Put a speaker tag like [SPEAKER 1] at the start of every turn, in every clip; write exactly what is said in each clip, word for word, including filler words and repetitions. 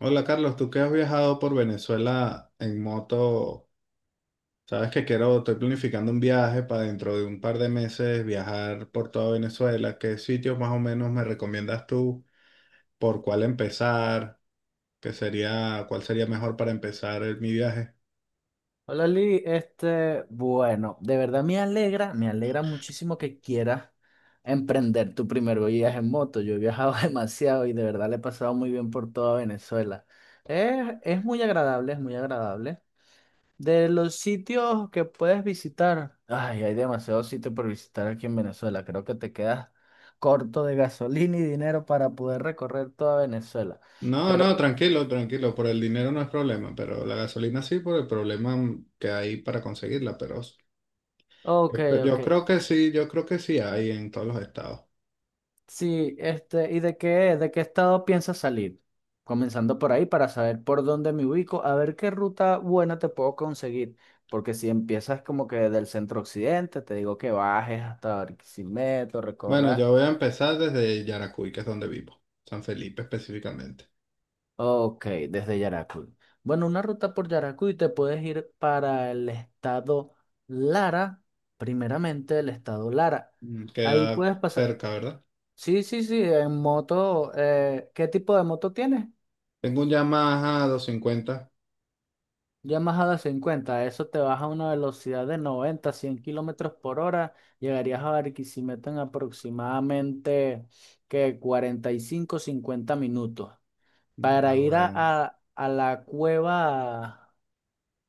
[SPEAKER 1] Hola Carlos, tú que has viajado por Venezuela en moto, sabes que quiero, estoy planificando un viaje para dentro de un par de meses viajar por toda Venezuela. ¿Qué sitios más o menos me recomiendas tú? ¿Por cuál empezar? ¿Qué sería, cuál sería mejor para empezar el- mi viaje?
[SPEAKER 2] Hola Lee, este, bueno, de verdad me alegra, me alegra muchísimo que quieras emprender tu primer viaje en moto. Yo he viajado demasiado y de verdad le he pasado muy bien por toda Venezuela. Es, es muy agradable, es muy agradable. De los sitios que puedes visitar, ay, hay demasiados sitios por visitar aquí en Venezuela. Creo que te quedas corto de gasolina y dinero para poder recorrer toda Venezuela.
[SPEAKER 1] No,
[SPEAKER 2] Pero,
[SPEAKER 1] no,
[SPEAKER 2] bueno,
[SPEAKER 1] tranquilo, tranquilo, por el dinero no es problema, pero la gasolina sí por el problema que hay para conseguirla, pero
[SPEAKER 2] ok,
[SPEAKER 1] yo
[SPEAKER 2] ok.
[SPEAKER 1] yo creo que sí, yo creo que sí hay en todos los estados.
[SPEAKER 2] Sí, este, ¿y de qué, de qué estado piensas salir? Comenzando por ahí para saber por dónde me ubico, a ver qué ruta buena te puedo conseguir. Porque si empiezas como que del centro occidente, te digo que bajes hasta Barquisimeto,
[SPEAKER 1] Bueno,
[SPEAKER 2] recorras.
[SPEAKER 1] yo voy a empezar desde Yaracuy, que es donde vivo, San Felipe específicamente.
[SPEAKER 2] Ok, desde Yaracuy. Bueno, una ruta por Yaracuy te puedes ir para el estado Lara, primeramente el estado Lara.
[SPEAKER 1] Mm,
[SPEAKER 2] Ahí
[SPEAKER 1] queda
[SPEAKER 2] puedes pasar.
[SPEAKER 1] cerca, ¿verdad?
[SPEAKER 2] Sí, sí, sí, en moto. Eh, ¿qué tipo de moto tienes?
[SPEAKER 1] Tengo un Yamaha doscientos cincuenta.
[SPEAKER 2] Yamaha de cincuenta, eso te baja a una velocidad de noventa cien kilómetros por hora, llegarías a Barquisimeto en aproximadamente que cuarenta y cinco cincuenta minutos.
[SPEAKER 1] Mm.
[SPEAKER 2] Para
[SPEAKER 1] Ah,
[SPEAKER 2] ir a,
[SPEAKER 1] bueno.
[SPEAKER 2] a- a la cueva,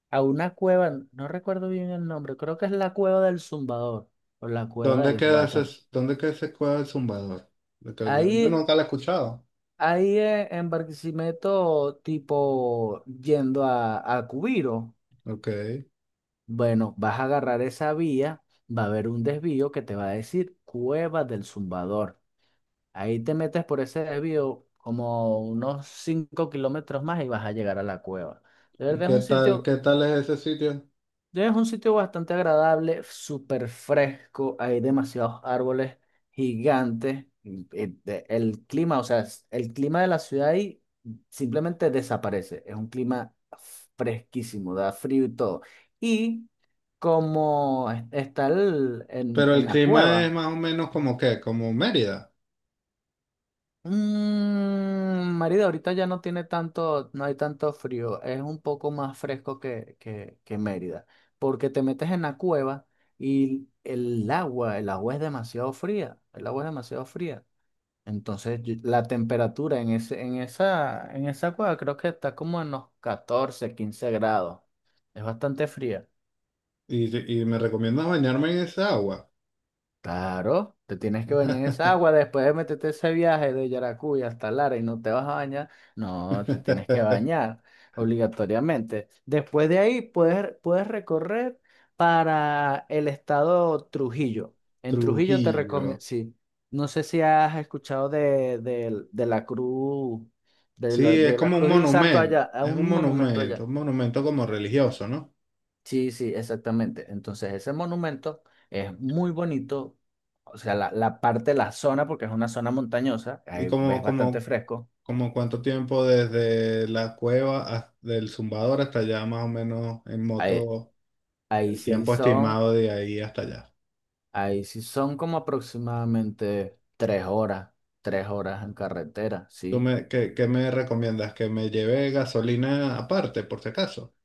[SPEAKER 2] a una cueva, no recuerdo bien el nombre, creo que es la cueva del Zumbador o la cueva
[SPEAKER 1] ¿Dónde
[SPEAKER 2] del
[SPEAKER 1] queda ese,
[SPEAKER 2] Guachar.
[SPEAKER 1] dónde queda ese cuadro del Zumbador? Porque Yo, yo
[SPEAKER 2] Ahí,
[SPEAKER 1] nunca lo he escuchado.
[SPEAKER 2] ahí eh, en Barquisimeto, tipo yendo a, a Cubiro.
[SPEAKER 1] Ok.
[SPEAKER 2] Bueno, vas a agarrar esa vía, va a haber un desvío que te va a decir Cueva del Zumbador. Ahí te metes por ese desvío como unos cinco kilómetros más y vas a llegar a la cueva. De
[SPEAKER 1] ¿Y
[SPEAKER 2] verdad es
[SPEAKER 1] qué
[SPEAKER 2] un
[SPEAKER 1] tal,
[SPEAKER 2] sitio
[SPEAKER 1] qué tal es ese sitio?
[SPEAKER 2] es un sitio bastante agradable, súper fresco, hay demasiados árboles gigantes. y- y de- El clima, o sea, es- el clima de la ciudad ahí simplemente desaparece. Es un clima fresquísimo, da frío y todo. Y como es- está el- en,
[SPEAKER 1] Pero
[SPEAKER 2] en
[SPEAKER 1] el
[SPEAKER 2] la
[SPEAKER 1] clima es
[SPEAKER 2] cueva,
[SPEAKER 1] más o menos como que, como Mérida.
[SPEAKER 2] Mm, Mérida ahorita ya no tiene tanto, no hay tanto frío, es un poco más fresco que, que, que Mérida, porque te metes en la cueva y el agua, el agua es demasiado fría, el agua es demasiado fría. Entonces yo- la temperatura en ese, en esa, en esa cueva creo que está como en los catorce a quince grados, es bastante fría.
[SPEAKER 1] Y, y me recomiendas bañarme en esa agua.
[SPEAKER 2] Claro, te tienes que bañar en esa agua después de meterte ese viaje de Yaracuy hasta Lara y no te vas a bañar. No, te tienes que bañar obligatoriamente. Después de ahí puedes, puedes recorrer para el estado Trujillo. En Trujillo te
[SPEAKER 1] Trujillo.
[SPEAKER 2] recomiendo, sí, no sé si has escuchado de, del- de la cruz, de la,
[SPEAKER 1] Sí, es
[SPEAKER 2] de la
[SPEAKER 1] como un
[SPEAKER 2] cruz de un santo
[SPEAKER 1] monumento,
[SPEAKER 2] allá, a
[SPEAKER 1] es un
[SPEAKER 2] un monumento
[SPEAKER 1] monumento,
[SPEAKER 2] allá.
[SPEAKER 1] un monumento como religioso, ¿no?
[SPEAKER 2] Sí, sí, exactamente. Entonces, ese monumento es muy bonito. O sea, la, la parte de la zona, porque es una zona montañosa,
[SPEAKER 1] Y
[SPEAKER 2] ahí
[SPEAKER 1] como,
[SPEAKER 2] ves bastante
[SPEAKER 1] como,
[SPEAKER 2] fresco.
[SPEAKER 1] como cuánto tiempo desde la cueva hasta- del Zumbador hasta allá, más o menos en
[SPEAKER 2] Ahí,
[SPEAKER 1] moto,
[SPEAKER 2] ahí
[SPEAKER 1] el
[SPEAKER 2] sí
[SPEAKER 1] tiempo
[SPEAKER 2] son,
[SPEAKER 1] estimado de ahí hasta allá.
[SPEAKER 2] ahí sí son como aproximadamente tres horas, tres horas en carretera,
[SPEAKER 1] ¿Tú
[SPEAKER 2] ¿sí?
[SPEAKER 1] me, qué, qué me recomiendas? ¿Que me lleve gasolina aparte, por si acaso,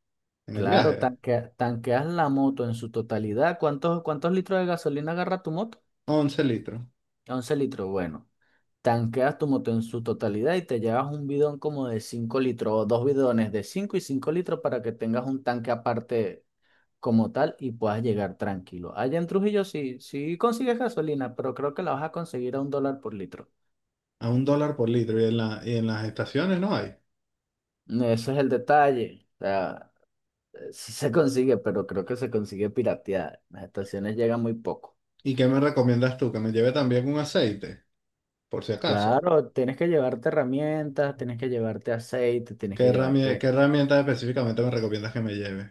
[SPEAKER 1] en el
[SPEAKER 2] Claro,
[SPEAKER 1] viaje?
[SPEAKER 2] tanque- tanqueas la moto en su totalidad. ¿Cuántos, cuántos litros de gasolina agarra tu moto?
[SPEAKER 1] Once litros.
[SPEAKER 2] Once litros, bueno. Tanqueas tu moto en su totalidad y te llevas un bidón como de cinco litros o dos bidones de cinco y cinco litros para que tengas un tanque aparte como tal y puedas llegar tranquilo. Allá en Trujillo sí, sí consigues gasolina, pero creo que la vas a conseguir a un dólar por litro.
[SPEAKER 1] A un dólar por litro, y en la, y en las estaciones no hay.
[SPEAKER 2] Ese es el detalle. O sea, eh, sí se consigue, pero creo que se consigue pirateada. Las estaciones llegan muy poco.
[SPEAKER 1] ¿Y qué me recomiendas tú? ¿Que me lleve también un aceite, por si acaso?
[SPEAKER 2] Claro, tienes que llevarte herramientas, tienes que llevarte aceite, tienes
[SPEAKER 1] ¿Qué
[SPEAKER 2] que
[SPEAKER 1] herramienta,
[SPEAKER 2] llevarte.
[SPEAKER 1] qué herramienta específicamente me recomiendas que me lleve?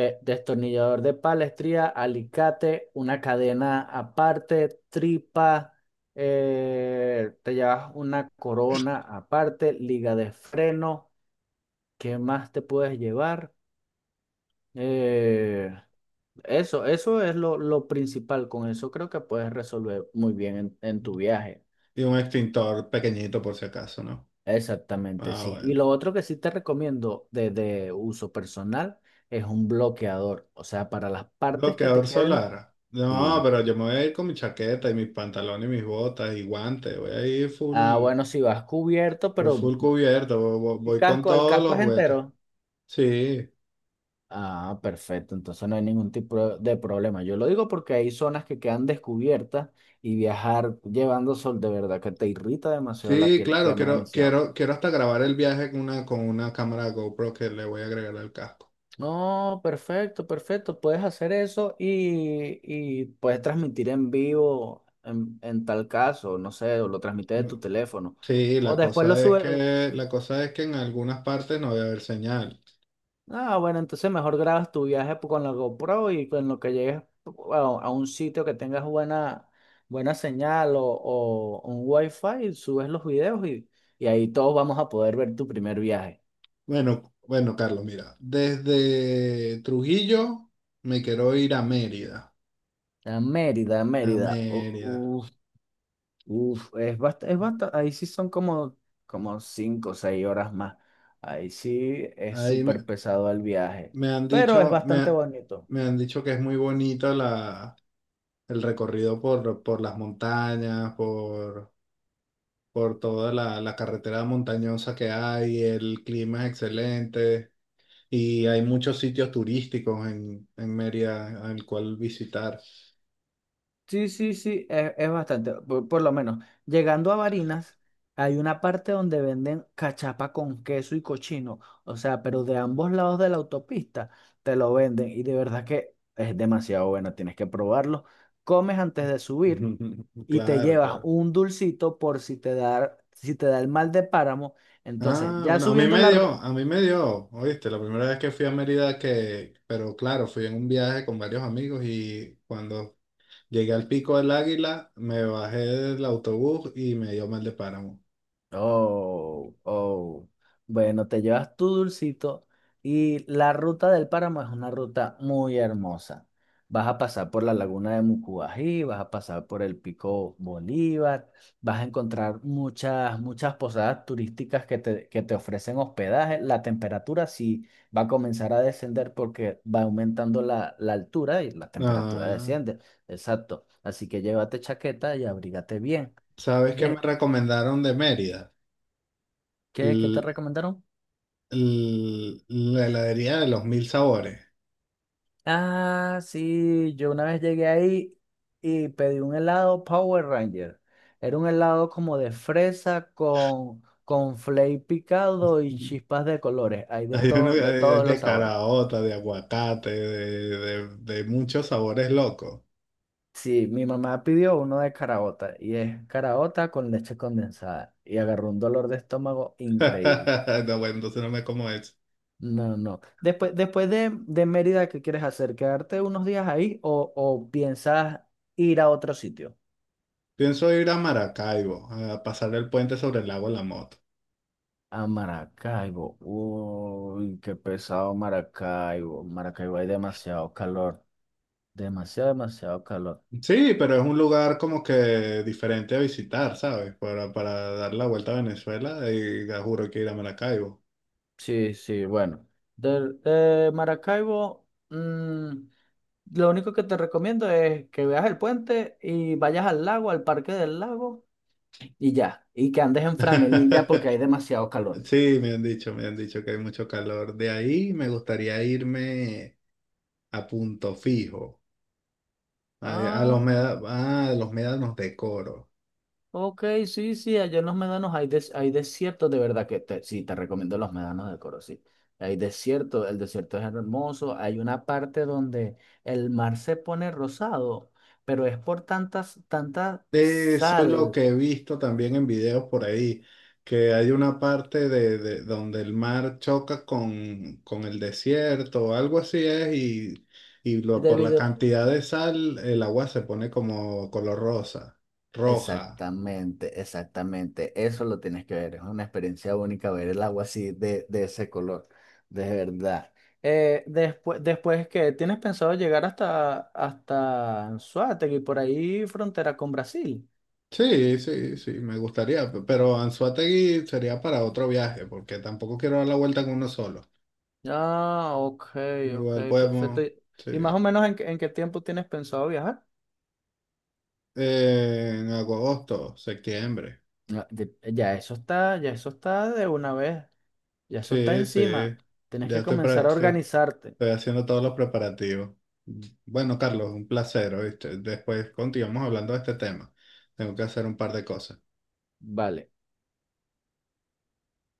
[SPEAKER 2] Eh, destornillador de palestría, alicate, una cadena aparte, tripa, eh, te llevas una corona aparte, liga de freno, ¿qué más te puedes llevar? Eh, eso, eso es lo, lo principal, con eso creo que puedes resolver muy bien en, en tu viaje.
[SPEAKER 1] Y un extintor pequeñito por si acaso, ¿no?
[SPEAKER 2] Exactamente,
[SPEAKER 1] Ah,
[SPEAKER 2] sí. Y
[SPEAKER 1] bueno.
[SPEAKER 2] lo otro que sí te recomiendo de, de uso personal es un bloqueador, o sea, para las partes que
[SPEAKER 1] Bloqueador
[SPEAKER 2] te queden...
[SPEAKER 1] solar. No,
[SPEAKER 2] Sí,
[SPEAKER 1] pero yo me voy a ir con mi chaqueta y mis pantalones y mis botas y guantes. Voy a ir
[SPEAKER 2] ah,
[SPEAKER 1] full,
[SPEAKER 2] bueno, si vas cubierto,
[SPEAKER 1] voy
[SPEAKER 2] pero
[SPEAKER 1] full cubierto, vo- vo-
[SPEAKER 2] ¿y
[SPEAKER 1] voy, con
[SPEAKER 2] casco? ¿El
[SPEAKER 1] todos
[SPEAKER 2] casco
[SPEAKER 1] los
[SPEAKER 2] es
[SPEAKER 1] juguetes.
[SPEAKER 2] entero?
[SPEAKER 1] Sí,
[SPEAKER 2] Ah, perfecto. Entonces no hay ningún tipo de problema. Yo lo digo porque hay zonas que quedan descubiertas y viajar llevando sol de verdad que te irrita demasiado la
[SPEAKER 1] sí,
[SPEAKER 2] piel,
[SPEAKER 1] claro,
[SPEAKER 2] quema
[SPEAKER 1] quiero,
[SPEAKER 2] demasiado.
[SPEAKER 1] quiero, quiero hasta grabar el viaje con una, con una cámara GoPro que le voy a agregar al casco.
[SPEAKER 2] No, perfecto, perfecto. Puedes hacer eso y, y puedes transmitir en vivo en, en tal caso, no sé, o lo transmites de tu teléfono.
[SPEAKER 1] Sí,
[SPEAKER 2] O
[SPEAKER 1] la
[SPEAKER 2] después lo
[SPEAKER 1] cosa es
[SPEAKER 2] subes,
[SPEAKER 1] que, la cosa es que en algunas partes no voy a haber señal.
[SPEAKER 2] ah, bueno, entonces mejor grabas tu viaje po- con la GoPro y con lo que llegues a, a un sitio que tengas buena, buena señal o, o un wifi, subes los videos y, y ahí todos vamos a poder ver tu primer viaje.
[SPEAKER 1] Bueno, bueno, Carlos, mira, desde Trujillo me quiero ir a Mérida,
[SPEAKER 2] A Mérida,
[SPEAKER 1] a
[SPEAKER 2] Mérida.
[SPEAKER 1] Mérida.
[SPEAKER 2] Uf, uf, es bastante, es basta- ahí sí son como, como cinco o seis horas más. Ahí sí es
[SPEAKER 1] Ahí me,
[SPEAKER 2] súper pesado el viaje,
[SPEAKER 1] me han
[SPEAKER 2] pero es
[SPEAKER 1] dicho, me,
[SPEAKER 2] bastante
[SPEAKER 1] ha-
[SPEAKER 2] bonito.
[SPEAKER 1] me han dicho que es muy bonito la, el recorrido por, por las montañas, por, por toda la, la carretera montañosa que hay, el clima es excelente y hay muchos sitios turísticos en, en Mérida al cual visitar.
[SPEAKER 2] Sí, sí, sí, es, es bastante, por, por lo menos. Llegando a Barinas, hay una parte donde venden cachapa con queso y cochino, o sea, pero de ambos lados de la autopista te lo venden y de verdad que es demasiado bueno, tienes que probarlo. Comes antes de subir y te
[SPEAKER 1] Claro,
[SPEAKER 2] llevas
[SPEAKER 1] claro.
[SPEAKER 2] un dulcito por si te da, si te da el mal de páramo. Entonces,
[SPEAKER 1] Ah,
[SPEAKER 2] ya
[SPEAKER 1] bueno, a mí
[SPEAKER 2] subiendo
[SPEAKER 1] me
[SPEAKER 2] la,
[SPEAKER 1] dio, a mí me dio, oíste, la primera vez que fui a Mérida que, pero claro, fui en un viaje con varios amigos y cuando llegué al Pico del Águila, me bajé del autobús y me dio mal de páramo.
[SPEAKER 2] oh, oh. Bueno, te llevas tu dulcito y la ruta del páramo es una ruta muy hermosa. Vas a pasar por la laguna de Mucubají, vas a pasar por el Pico Bolívar, vas a encontrar muchas, muchas posadas turísticas que te, que te ofrecen hospedaje. La temperatura sí va a comenzar a descender porque va aumentando la, la altura y la temperatura
[SPEAKER 1] Ah,
[SPEAKER 2] desciende. Exacto. Así que llévate chaqueta y abrígate bien.
[SPEAKER 1] ¿sabes qué me
[SPEAKER 2] De,
[SPEAKER 1] recomendaron de Mérida?
[SPEAKER 2] ¿qué, qué te
[SPEAKER 1] L-
[SPEAKER 2] recomendaron?
[SPEAKER 1] l- la heladería de los mil sabores.
[SPEAKER 2] Ah, sí, yo una vez llegué ahí y pedí un helado Power Ranger. Era un helado como de fresa con, con flake picado y chispas de colores. Hay de
[SPEAKER 1] Hay uno
[SPEAKER 2] todo, de
[SPEAKER 1] de,
[SPEAKER 2] todos
[SPEAKER 1] de
[SPEAKER 2] los sabores.
[SPEAKER 1] caraota, de aguacate, de, de de muchos sabores locos.
[SPEAKER 2] Sí, mi mamá pidió uno de caraota y es caraota con leche condensada y agarró un dolor de estómago increíble.
[SPEAKER 1] No, bueno, entonces no me como eso.
[SPEAKER 2] No, no. Después, después de, de Mérida, ¿qué quieres hacer? ¿Quedarte unos días ahí o, o piensas ir a otro sitio?
[SPEAKER 1] Pienso ir a Maracaibo, a pasar el puente sobre el lago de La Moto.
[SPEAKER 2] A Maracaibo. Uy, qué pesado Maracaibo. Maracaibo hay demasiado calor. Demasiado, demasiado calor.
[SPEAKER 1] Sí, pero es un lugar como que diferente a visitar, ¿sabes? Para, para dar la vuelta a Venezuela, y ya juro que ir a Maracaibo.
[SPEAKER 2] Sí, sí, bueno. De, de Maracaibo, mm, lo único que te recomiendo es que veas el puente y vayas al lago, al parque del lago, y ya. Y que andes en franelilla porque hay demasiado calor.
[SPEAKER 1] Sí, me han dicho, me han dicho que hay mucho calor. De ahí me gustaría irme a Punto Fijo, a, a los,
[SPEAKER 2] Ah.
[SPEAKER 1] meda- ah, a los médanos de Coro.
[SPEAKER 2] Ok, sí, sí, allá en los médanos hay, des- hay desiertos, de verdad que te- sí, te recomiendo los médanos de Coro, sí. Hay desierto, el desierto es hermoso, hay una parte donde el mar se pone rosado, pero es por tantas, tanta
[SPEAKER 1] Sí, eso es lo
[SPEAKER 2] sal
[SPEAKER 1] que he visto también en videos por ahí, que hay una parte de, de- donde el mar choca con, con el desierto, o algo así es, y, y lo, por la
[SPEAKER 2] debido.
[SPEAKER 1] cantidad de sal el agua se pone como color rosa, roja.
[SPEAKER 2] Exactamente, exactamente. Eso lo tienes que ver. Es una experiencia única ver el agua así de, de ese color. De verdad. Eh, después, después que tienes pensado llegar hasta, hasta Anzoátegui, por ahí frontera con Brasil.
[SPEAKER 1] Sí, sí, sí, me gustaría, pe- pero Anzoátegui sería para otro viaje, porque tampoco quiero dar la vuelta con uno solo.
[SPEAKER 2] Ah, ok, ok,
[SPEAKER 1] Igual
[SPEAKER 2] perfecto.
[SPEAKER 1] podemos,
[SPEAKER 2] ¿Y
[SPEAKER 1] sí,
[SPEAKER 2] y más o menos en, qué- en qué tiempo tienes pensado viajar?
[SPEAKER 1] eh, en agosto, septiembre.
[SPEAKER 2] No, de- ya eso está, ya eso está de una vez. Ya eso está
[SPEAKER 1] Sí, sí.
[SPEAKER 2] encima. Tienes
[SPEAKER 1] Ya
[SPEAKER 2] que
[SPEAKER 1] estoy, pre-
[SPEAKER 2] comenzar a
[SPEAKER 1] estoy-
[SPEAKER 2] organizarte.
[SPEAKER 1] estoy haciendo todos los preparativos. Bueno, Carlos, un placer, ¿oíste? Después continuamos hablando de este tema. Tengo que hacer un par de cosas.
[SPEAKER 2] Vale.